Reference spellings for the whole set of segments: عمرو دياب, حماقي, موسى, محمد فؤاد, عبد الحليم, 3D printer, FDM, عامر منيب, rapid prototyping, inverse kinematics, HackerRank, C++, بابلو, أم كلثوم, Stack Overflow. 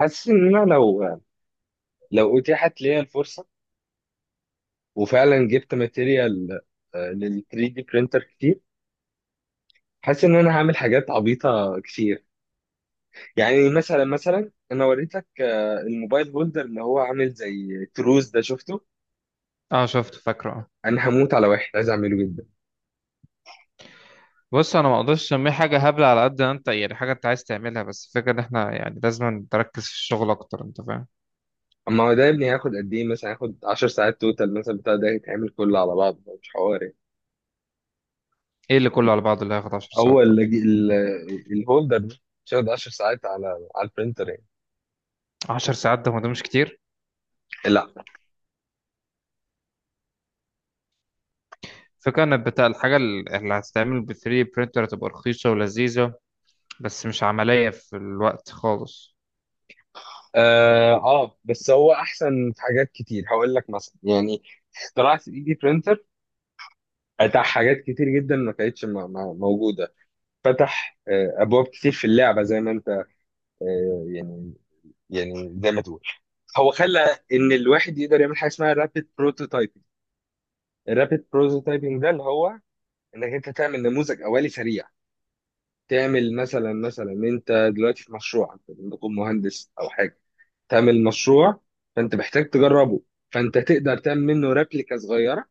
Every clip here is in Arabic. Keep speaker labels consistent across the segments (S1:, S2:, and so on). S1: حاسس ان انا لو اتيحت ليا الفرصه، وفعلا جبت ماتيريال لل 3 دي برينتر كتير. حاسس ان انا هعمل حاجات عبيطه كتير. يعني مثلا انا وريتك الموبايل هولدر اللي هو عامل زي تروز ده، شفته.
S2: اه شفت فاكره اه.
S1: انا هموت على واحد عايز اعمله جدا.
S2: بص انا ما اقدرش اسميه حاجه هبله على قد ما انت، يعني حاجه انت عايز تعملها، بس الفكره ان احنا يعني لازم نركز في الشغل اكتر، انت فاهم؟
S1: اما هو ده يا ابني هياخد قد ايه؟ مثلا هياخد 10 ساعات توتال مثلا، بتاع ده يتعمل كله على بعض، مش حوار يعني.
S2: ايه اللي كله على بعضه اللي هياخد 10
S1: هو
S2: ساعات دول؟
S1: الهولدر ده مش هياخد 10 ساعات على على البرينتر يعني.
S2: 10 ساعات ده، هو ده مش كتير؟
S1: لا.
S2: فكرة ان بتاع الحاجه اللي هتتعمل ب 3 برينتر هتبقى رخيصه ولذيذه، بس مش عمليه في الوقت خالص.
S1: اه، بس هو احسن في حاجات كتير. هقول لك مثلا يعني، اختراع 3 دي برينتر فتح حاجات كتير جدا ما كانتش موجوده. فتح ابواب كتير في اللعبه. زي ما انت، يعني، يعني زي ما تقول، هو خلى ان الواحد يقدر يعمل حاجه اسمها رابيد بروتوتايبنج. الرابيد بروتوتايبنج ده اللي هو انك انت تعمل نموذج اولي سريع. تعمل مثلا انت دلوقتي في مشروع، انت ممكن مهندس او حاجه، تعمل مشروع، فانت محتاج تجربه، فانت تقدر تعمل منه ريبليكا صغيره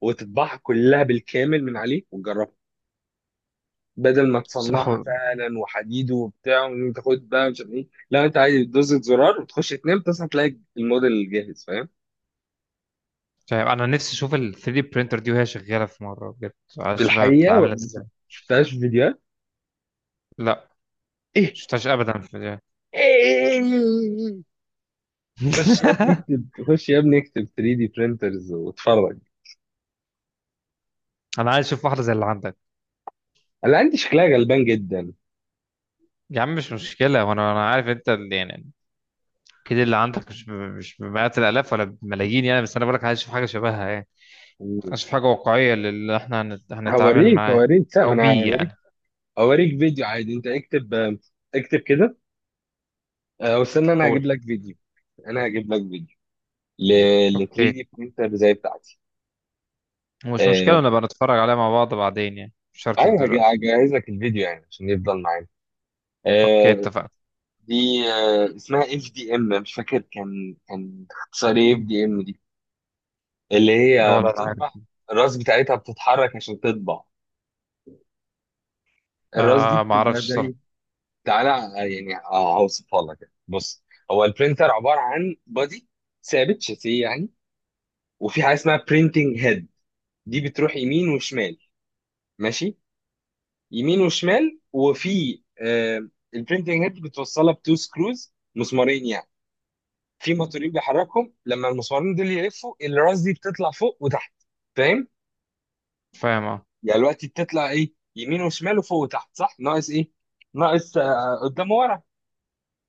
S1: وتطبعها كلها بالكامل من عليه وتجربها، بدل ما
S2: صح
S1: تصنعها
S2: ولا-
S1: فعلا وحديد وبتاع وتاخد بقى مش عارف ايه. لا انت عادي بتدوس زرار وتخش تنام، تصحى تلاقي الموديل جاهز. فاهم؟
S2: فاهم، انا نفسي اشوف ال 3 برينتر دي وهي شغاله في مره بجد. عايز
S1: في
S2: اشوفها بتبقى
S1: الحقيقه
S2: عامله
S1: ما
S2: ازاي.
S1: شفتهاش في فيديوهات.
S2: لا،
S1: ايه؟
S2: مشفتهاش ابدا في الفيديو.
S1: ايه؟ خش يا ابني اكتب، خش يا ابني اكتب 3 دي برينترز واتفرج.
S2: انا عايز اشوف واحده زي اللي عندك.
S1: انا عندي شكلها غلبان جدا.
S2: يا عم مش مشكلة، وانا عارف انت يعني اكيد اللي عندك مش بمئات الالاف ولا بملايين يعني، بس انا بقولك عايز اشوف حاجة شبهها يعني. عايز اشوف حاجة واقعية اللي احنا هنتعامل
S1: هوريك
S2: معاه
S1: هوريك لا ما
S2: او
S1: انا
S2: بيه يعني.
S1: اوريك فيديو عادي. انت اكتب، اكتب كده. واستنى انا
S2: قول.
S1: هجيب لك فيديو. انا هجيب لك فيديو ل 3
S2: اوكي،
S1: دي برينتر زي بتاعتي.
S2: مش مشكلة
S1: آه،
S2: نبقى نتفرج عليها مع بعض بعدين يعني، مش شرط
S1: ايوه،
S2: دلوقتي.
S1: هجهز لك الفيديو يعني عشان يفضل معانا.
S2: اوكي
S1: آه.
S2: اتفقنا.
S1: دي اسمها اف دي ام. مش فاكر كان اختصار ايه اف دي ام دي. اللي هي
S2: ولا العارف.
S1: بتطبع. الراس بتاعتها بتتحرك عشان تطبع. الراس دي
S2: آه ما
S1: بتبقى
S2: اعرفش صراحة.
S1: زي، تعالى يعني هوصفها لك، بص. هو البرينتر عبارة عن بادي ثابت، شاسيه يعني. وفي حاجه اسمها برينتنج هيد، دي بتروح يمين وشمال. ماشي؟ يمين وشمال. وفي البرينتنج هيد بتوصلها بتو سكروز، مسمارين يعني. في موتورين بيحركهم. لما المسمارين دول يلفوا الراس دي بتطلع فوق وتحت. فاهم؟
S2: فاهم اه.
S1: يعني دلوقتي بتطلع ايه؟ يمين وشمال وفوق وتحت، صح؟ ناقص ايه؟ ناقص قدام ورا.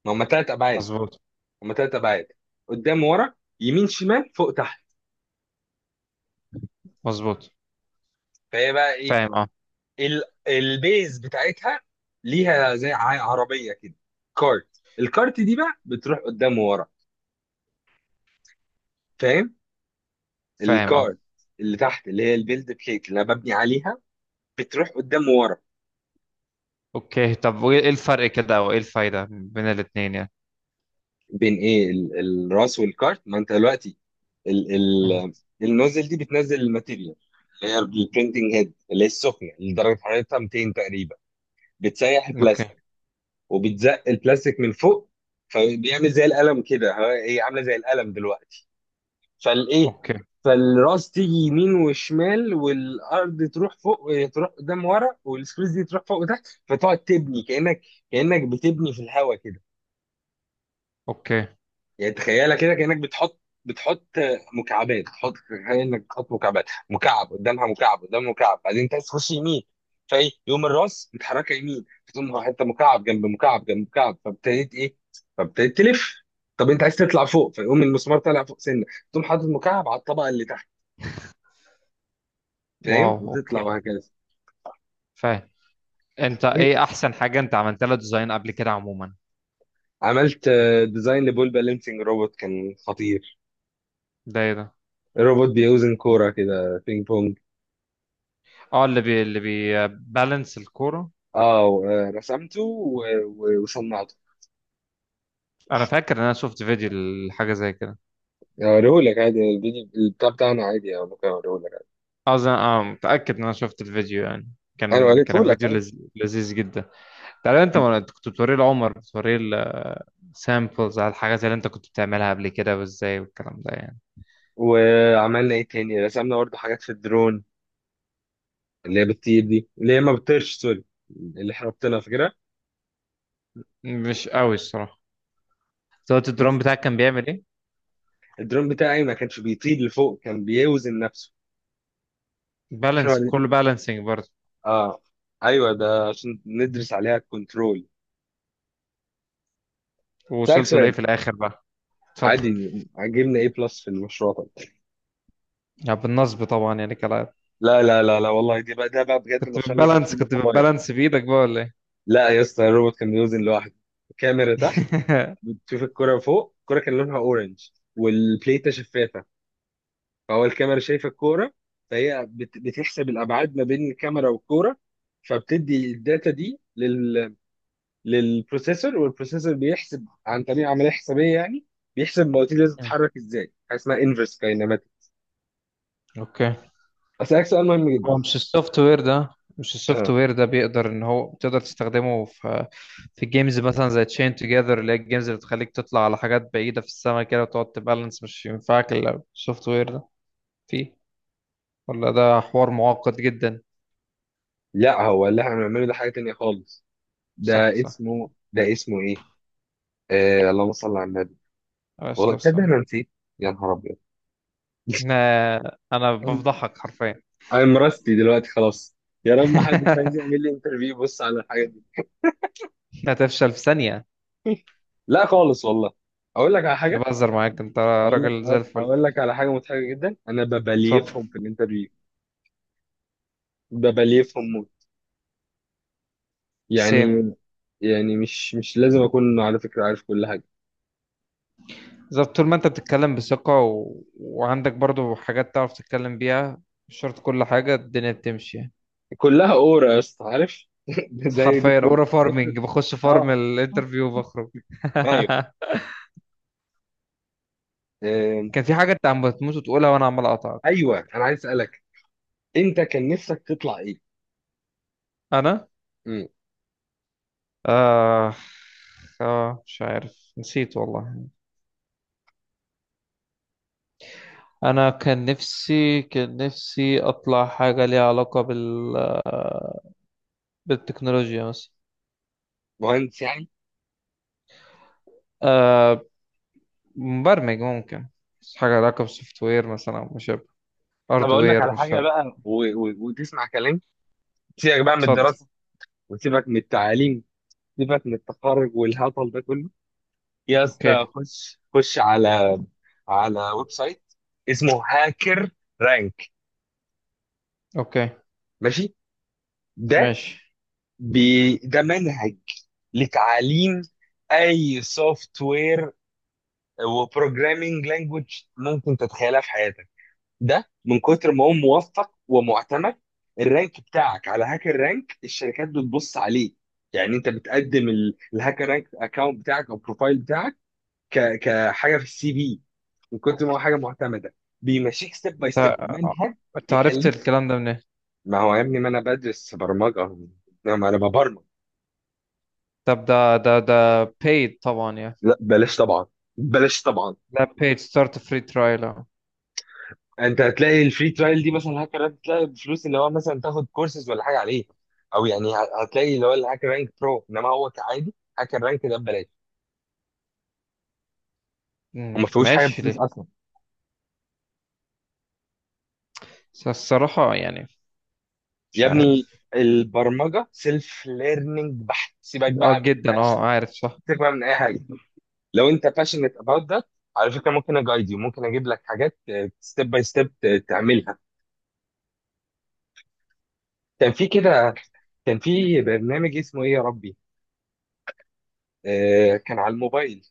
S1: ما هم ثلاث ابعاد.
S2: مظبوط.
S1: هم ثلاث ابعاد: قدام ورا، يمين شمال، فوق تحت.
S2: مظبوط.
S1: فهي بقى ايه،
S2: فاهم اه.
S1: البيز بتاعتها ليها زي عربيه كده، كارت. الكارت دي بقى بتروح قدام وورا. فاهم؟
S2: فاهم اه.
S1: الكارت اللي تحت، اللي هي البيلد بليت اللي انا ببني عليها، بتروح قدام وورا.
S2: اوكي، طب وايه الفرق كده، او ايه الفايدة بين الاتنين يعني؟
S1: بين ايه؟ الراس والكارت. ما انت دلوقتي، ال
S2: مهم.
S1: ال النوزل دي بتنزل الماتيريال، اللي هي البرينتنج هيد اللي هي السخنه اللي درجه حرارتها 200 تقريبا، بتسيح
S2: اوكي.
S1: البلاستيك وبتزق البلاستيك من فوق. فبيعمل زي القلم كده. هي عامله زي القلم دلوقتي. فالايه،
S2: اوكي.
S1: فالراس تيجي يمين وشمال، والارض تروح فوق تروح قدام ورا، والسبيس دي تروح فوق وتحت. فتقعد تبني كانك، كانك بتبني في الهواء كده.
S2: اوكي.
S1: يعني تخيلها كده، كانك بتحط مكعبات. تحط، تخيل انك بتحط مكعبات، مكعب قدامها مكعب قدام مكعب. بعدين انت عايز تخش يمين، فايه، يقوم الراس متحركه يمين، فتقوم حته مكعب جنب مكعب جنب مكعب، فابتديت ايه، فابتديت تلف. طب انت عايز تطلع فوق، فيقوم المسمار طالع فوق سنه، تقوم حاطط مكعب على الطبقه اللي تحت.
S2: واو
S1: فاهم؟ وتطلع
S2: اوكي.
S1: وهكذا.
S2: فاهم. انت
S1: إيه،
S2: ايه احسن حاجه انت عملت لها ديزاين قبل كده عموما؟
S1: عملت ديزاين لبول بالانسنج روبوت، كان خطير.
S2: ده ايه ده؟
S1: الروبوت بيوزن كورة كده، بينج بونج.
S2: اه اللي بيبالانس الكوره.
S1: اه رسمته وصنعته.
S2: انا فاكر ان انا شفت فيديو لحاجه زي كده.
S1: هوريهولك عادي الفيديو البتاع بتاعنا عادي، أو ممكن اوريهولك عادي.
S2: اظن اه، متاكد ان انا شفت الفيديو يعني.
S1: انا
S2: كان
S1: وريتهولك
S2: فيديو
S1: عادي.
S2: لذيذ جدا. تعالى انت، ما أنت كنت بتوريه لعمر، بتوريه السامبلز على الحاجات اللي انت كنت بتعملها قبل كده، وازاي، والكلام ده يعني.
S1: وعملنا ايه تاني؟ رسمنا برضه حاجات في الدرون، اللي هي بتطير دي، اللي هي ما بتطيرش، سوري، اللي احنا ربطنا فاكرها.
S2: مش قوي الصراحه. صوت الدرون بتاعك كان بيعمل ايه؟
S1: الدرون بتاعي ما كانش بيطير لفوق، كان بيوزن نفسه. احنا،
S2: بالانس، كله بالانسنج برضه.
S1: اه. ايوه، ده عشان ندرس عليها الكنترول. سألك
S2: ووصلت لايه
S1: سؤال:
S2: في الاخر بقى؟ اتفضل.
S1: عادي عجبنا ايه بلس في المشروع طب؟
S2: يعني بالنصب طبعا يعني كلا.
S1: لا لا لا لا، والله دي بقى، ده بقى بجد المشروع اللي ما كانش فيه
S2: كنت
S1: نقطه بايظه.
S2: بتبالانس بايدك بقى ولا ايه؟
S1: لا يا اسطى، الروبوت كان بيوزن لوحده. الكاميرا تحت بتشوف الكرة فوق. الكرة كان لونها اورنج، والبليتة شفافة، فهو الكاميرا شايفة الكرة. فهي بتحسب الابعاد ما بين الكاميرا والكرة، فبتدي الداتا دي لل للبروسيسور، والبروسيسور بيحسب عن طريق عمليه حسابيه يعني، بيحسب المواتير دي
S2: مم.
S1: بتتحرك ازاي. حاجه اسمها انفرس كاينماتيك.
S2: اوكي.
S1: اسالك سؤال مهم
S2: هو
S1: جدا.
S2: مش السوفت وير ده، مش السوفت
S1: اه.
S2: وير ده بيقدر ان هو تقدر تستخدمه في في جيمز مثلا زي تشين توجذر، اللي هي الجيمز اللي بتخليك تطلع على حاجات بعيدة في السماء كده وتقعد تبالانس، مش ينفعك الا السوفت وير ده فيه، ولا ده حوار معقد جدا؟
S1: لا هو اللي احنا بنعمله ده حاجه تانيه خالص.
S2: صح
S1: ده
S2: صح.
S1: اسمه ده اسمه ايه؟ آه، اللهم صل على النبي.
S2: معلش
S1: والله
S2: بس
S1: تصدق انا
S2: انا
S1: نسيت. يا نهار ابيض،
S2: انا أنا بفضحك حرفيا.
S1: انا راستي دلوقتي خلاص. يا رب ما حد عايز يعمل لي انترفيو، بص على الحاجه دي.
S2: هتفشل في ثانية.
S1: لا خالص والله. اقول لك على
S2: أنا
S1: حاجه،
S2: بهزر معاك انت،
S1: اقول لك
S2: راجل زي
S1: اقول
S2: الفل.
S1: أقول لك على حاجه مضحكه جدا: انا
S2: اتفضل.
S1: ببليفهم في الانترفيو. ببليفهم
S2: سيم.
S1: يعني، يعني مش لازم اكون على فكره عارف كل حاجه.
S2: بالظبط، طول ما انت بتتكلم بثقة وعندك برضو حاجات تعرف تتكلم بيها، مش شرط كل حاجة الدنيا بتمشي يعني.
S1: كلها اورا يا اسطى، عارف؟
S2: بس
S1: زي
S2: حرفيا
S1: دكتور،
S2: اورا
S1: دكتور.
S2: فارمنج، بخش فارم
S1: اه.
S2: الانترفيو وبخرج.
S1: ايوه. آم،
S2: كان في حاجة انت عم بتموت وتقولها وانا عمال اقطعك.
S1: ايوه انا عايز اسالك، انت كان نفسك تطلع ايه؟
S2: انا
S1: مم.
S2: آه... اه مش عارف، نسيت والله. انا كان نفسي اطلع حاجة ليها علاقة بالتكنولوجيا مثلا.
S1: مهندس يعني؟
S2: آه... مبرمج ممكن، بس حاجة لها علاقة بالسوفت وير مثلا، أو مش
S1: طب اقول لك
S2: هاردوير
S1: على
S2: مش
S1: حاجه
S2: فارق.
S1: بقى وتسمع كلام. سيبك بقى من
S2: اتفضل.
S1: الدراسه، وسيبك من التعليم، سيبك من التخرج والهطل ده كله. يا اسطى
S2: اوكي.
S1: خش على على ويب سايت اسمه هاكر رانك.
S2: اوكي
S1: ماشي؟ ده،
S2: ماشي.
S1: بي ده منهج لتعليم اي سوفت وير وبروجرامينج لانجوج ممكن تتخيلها في حياتك. ده من كتر ما هو موفق ومعتمد، الرانك بتاعك على هاكر رانك الشركات بتبص عليه. يعني انت بتقدم الهاكر رانك اكونت بتاعك او بروفايل بتاعك كحاجه في السي في، من كتر ما هو حاجه معتمده. بيمشيك ستيب باي
S2: انت
S1: ستيب منهج
S2: عرفت
S1: يخليك.
S2: الكلام ده منين؟
S1: ما هو يا ابني، ما انا بدرس برمجه، ما انا ببرمج.
S2: طب ده paid طبعا يعني؟
S1: لا بلاش طبعا، بلاش طبعا.
S2: لا، paid start free trial اه.
S1: انت هتلاقي الفري ترايل دي مثلا هاكر رانك، تلاقي بفلوس اللي هو مثلا تاخد كورسز ولا حاجه عليه، او يعني هتلاقي اللي هو الهاكر رانك برو، انما هو كعادي هاكر رانك ده ببلاش،
S2: مم،
S1: وما فيهوش حاجه
S2: ماشي
S1: بفلوس
S2: ليه.
S1: اصلا.
S2: بس الصراحة يعني
S1: يا
S2: مش
S1: ابني
S2: عارف.
S1: البرمجه سيلف ليرنينج بحت، سيبك
S2: اه
S1: بقى من اي
S2: جدا اه،
S1: حاجه،
S2: عارف صح.
S1: سيبك بقى من اي حاجه. لو انت باشنت اباوت ده، على فكره ممكن اجايد يو، ممكن اجيب لك حاجات ستيب باي ستيب تعملها. كان في كده، كان في برنامج اسمه ايه يا ربي؟ كان على الموبايل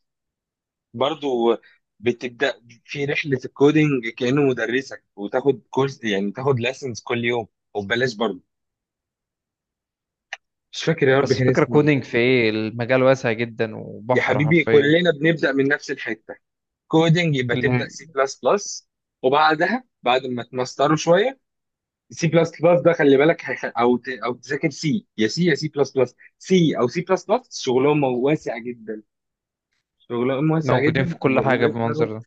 S1: برضو، بتبدأ في رحلة الكودينج كأنه مدرسك وتاخد كورس يعني، تاخد ليسنز كل يوم، وببلاش برضو. مش فاكر يا رب
S2: بس
S1: كان
S2: فكرة
S1: اسمه ايه.
S2: كودينج في ايه؟ المجال واسع جدا
S1: يا
S2: وبحر
S1: حبيبي
S2: حرفيا.
S1: كلنا بنبدأ من نفس الحتة. كودينج يبقى
S2: اللي هي
S1: تبدأ سي بلس بلس، وبعدها بعد ما تمستروا شوية سي بلس بلس ده خلي بالك هيخ- او ت... او تذاكر سي، يا سي، يا سي بلس بلس. سي او سي بلس بلس شغلهم واسع جدا، شغلهم واسع
S2: موجودين
S1: جدا
S2: في كل حاجة
S1: ويقدروا،
S2: بالمنظر ده.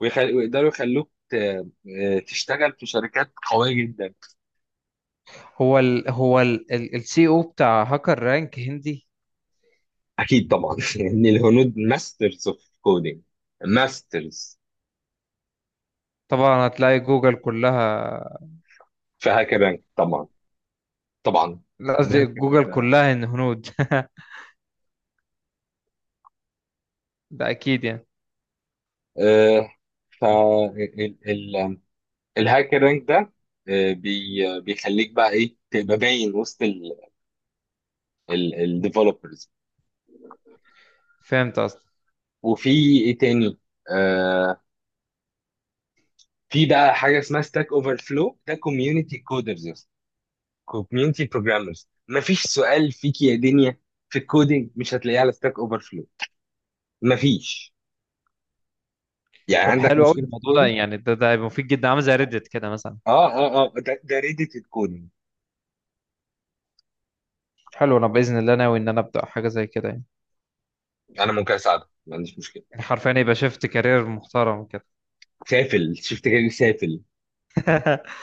S1: ويقدروا يخلوك ت... آه، تشتغل في شركات قوية جدا.
S2: هو السي او بتاع هاكر رانك هندي؟
S1: اكيد طبعا، ان الهنود ماسترز اوف كودينج، ماسترز.
S2: طبعا، هتلاقي جوجل كلها.
S1: في هاكر رانك طبعا، طبعا.
S2: لا، قصدي
S1: الهاكر
S2: جوجل
S1: ده،
S2: كلها إن هنود. ده اكيد يعني.
S1: آه. ف الهاكر رانك ده، بي بيخليك بقى ايه، تبقى باين وسط الديفلوبرز.
S2: فهمت قصدي؟
S1: وفي ايه تاني، آه، في بقى حاجه اسمها ستاك اوفر فلو، ده كوميونتي كودرز، كوميونتي بروجرامرز. مفيش سؤال فيك يا دنيا في الكودينج مش هتلاقيه على ستاك اوفر فلو، مفيش. يعني
S2: طب
S1: عندك
S2: حلو قوي
S1: مشكله في
S2: الموضوع ده
S1: الكودينج.
S2: يعني، ده هيبقى مفيد جدا، عامل زي ريدت كده مثلا.
S1: اه اه اه، ده ده ريدت الكودينج.
S2: حلو، انا باذن الله ناوي ان انا ابدا حاجه زي كده يعني.
S1: انا ممكن اساعدك، ما عنديش مشكله.
S2: يعني حرفيا يبقى شفت كارير محترم كده.
S1: سافل، شفت كده؟ سافل.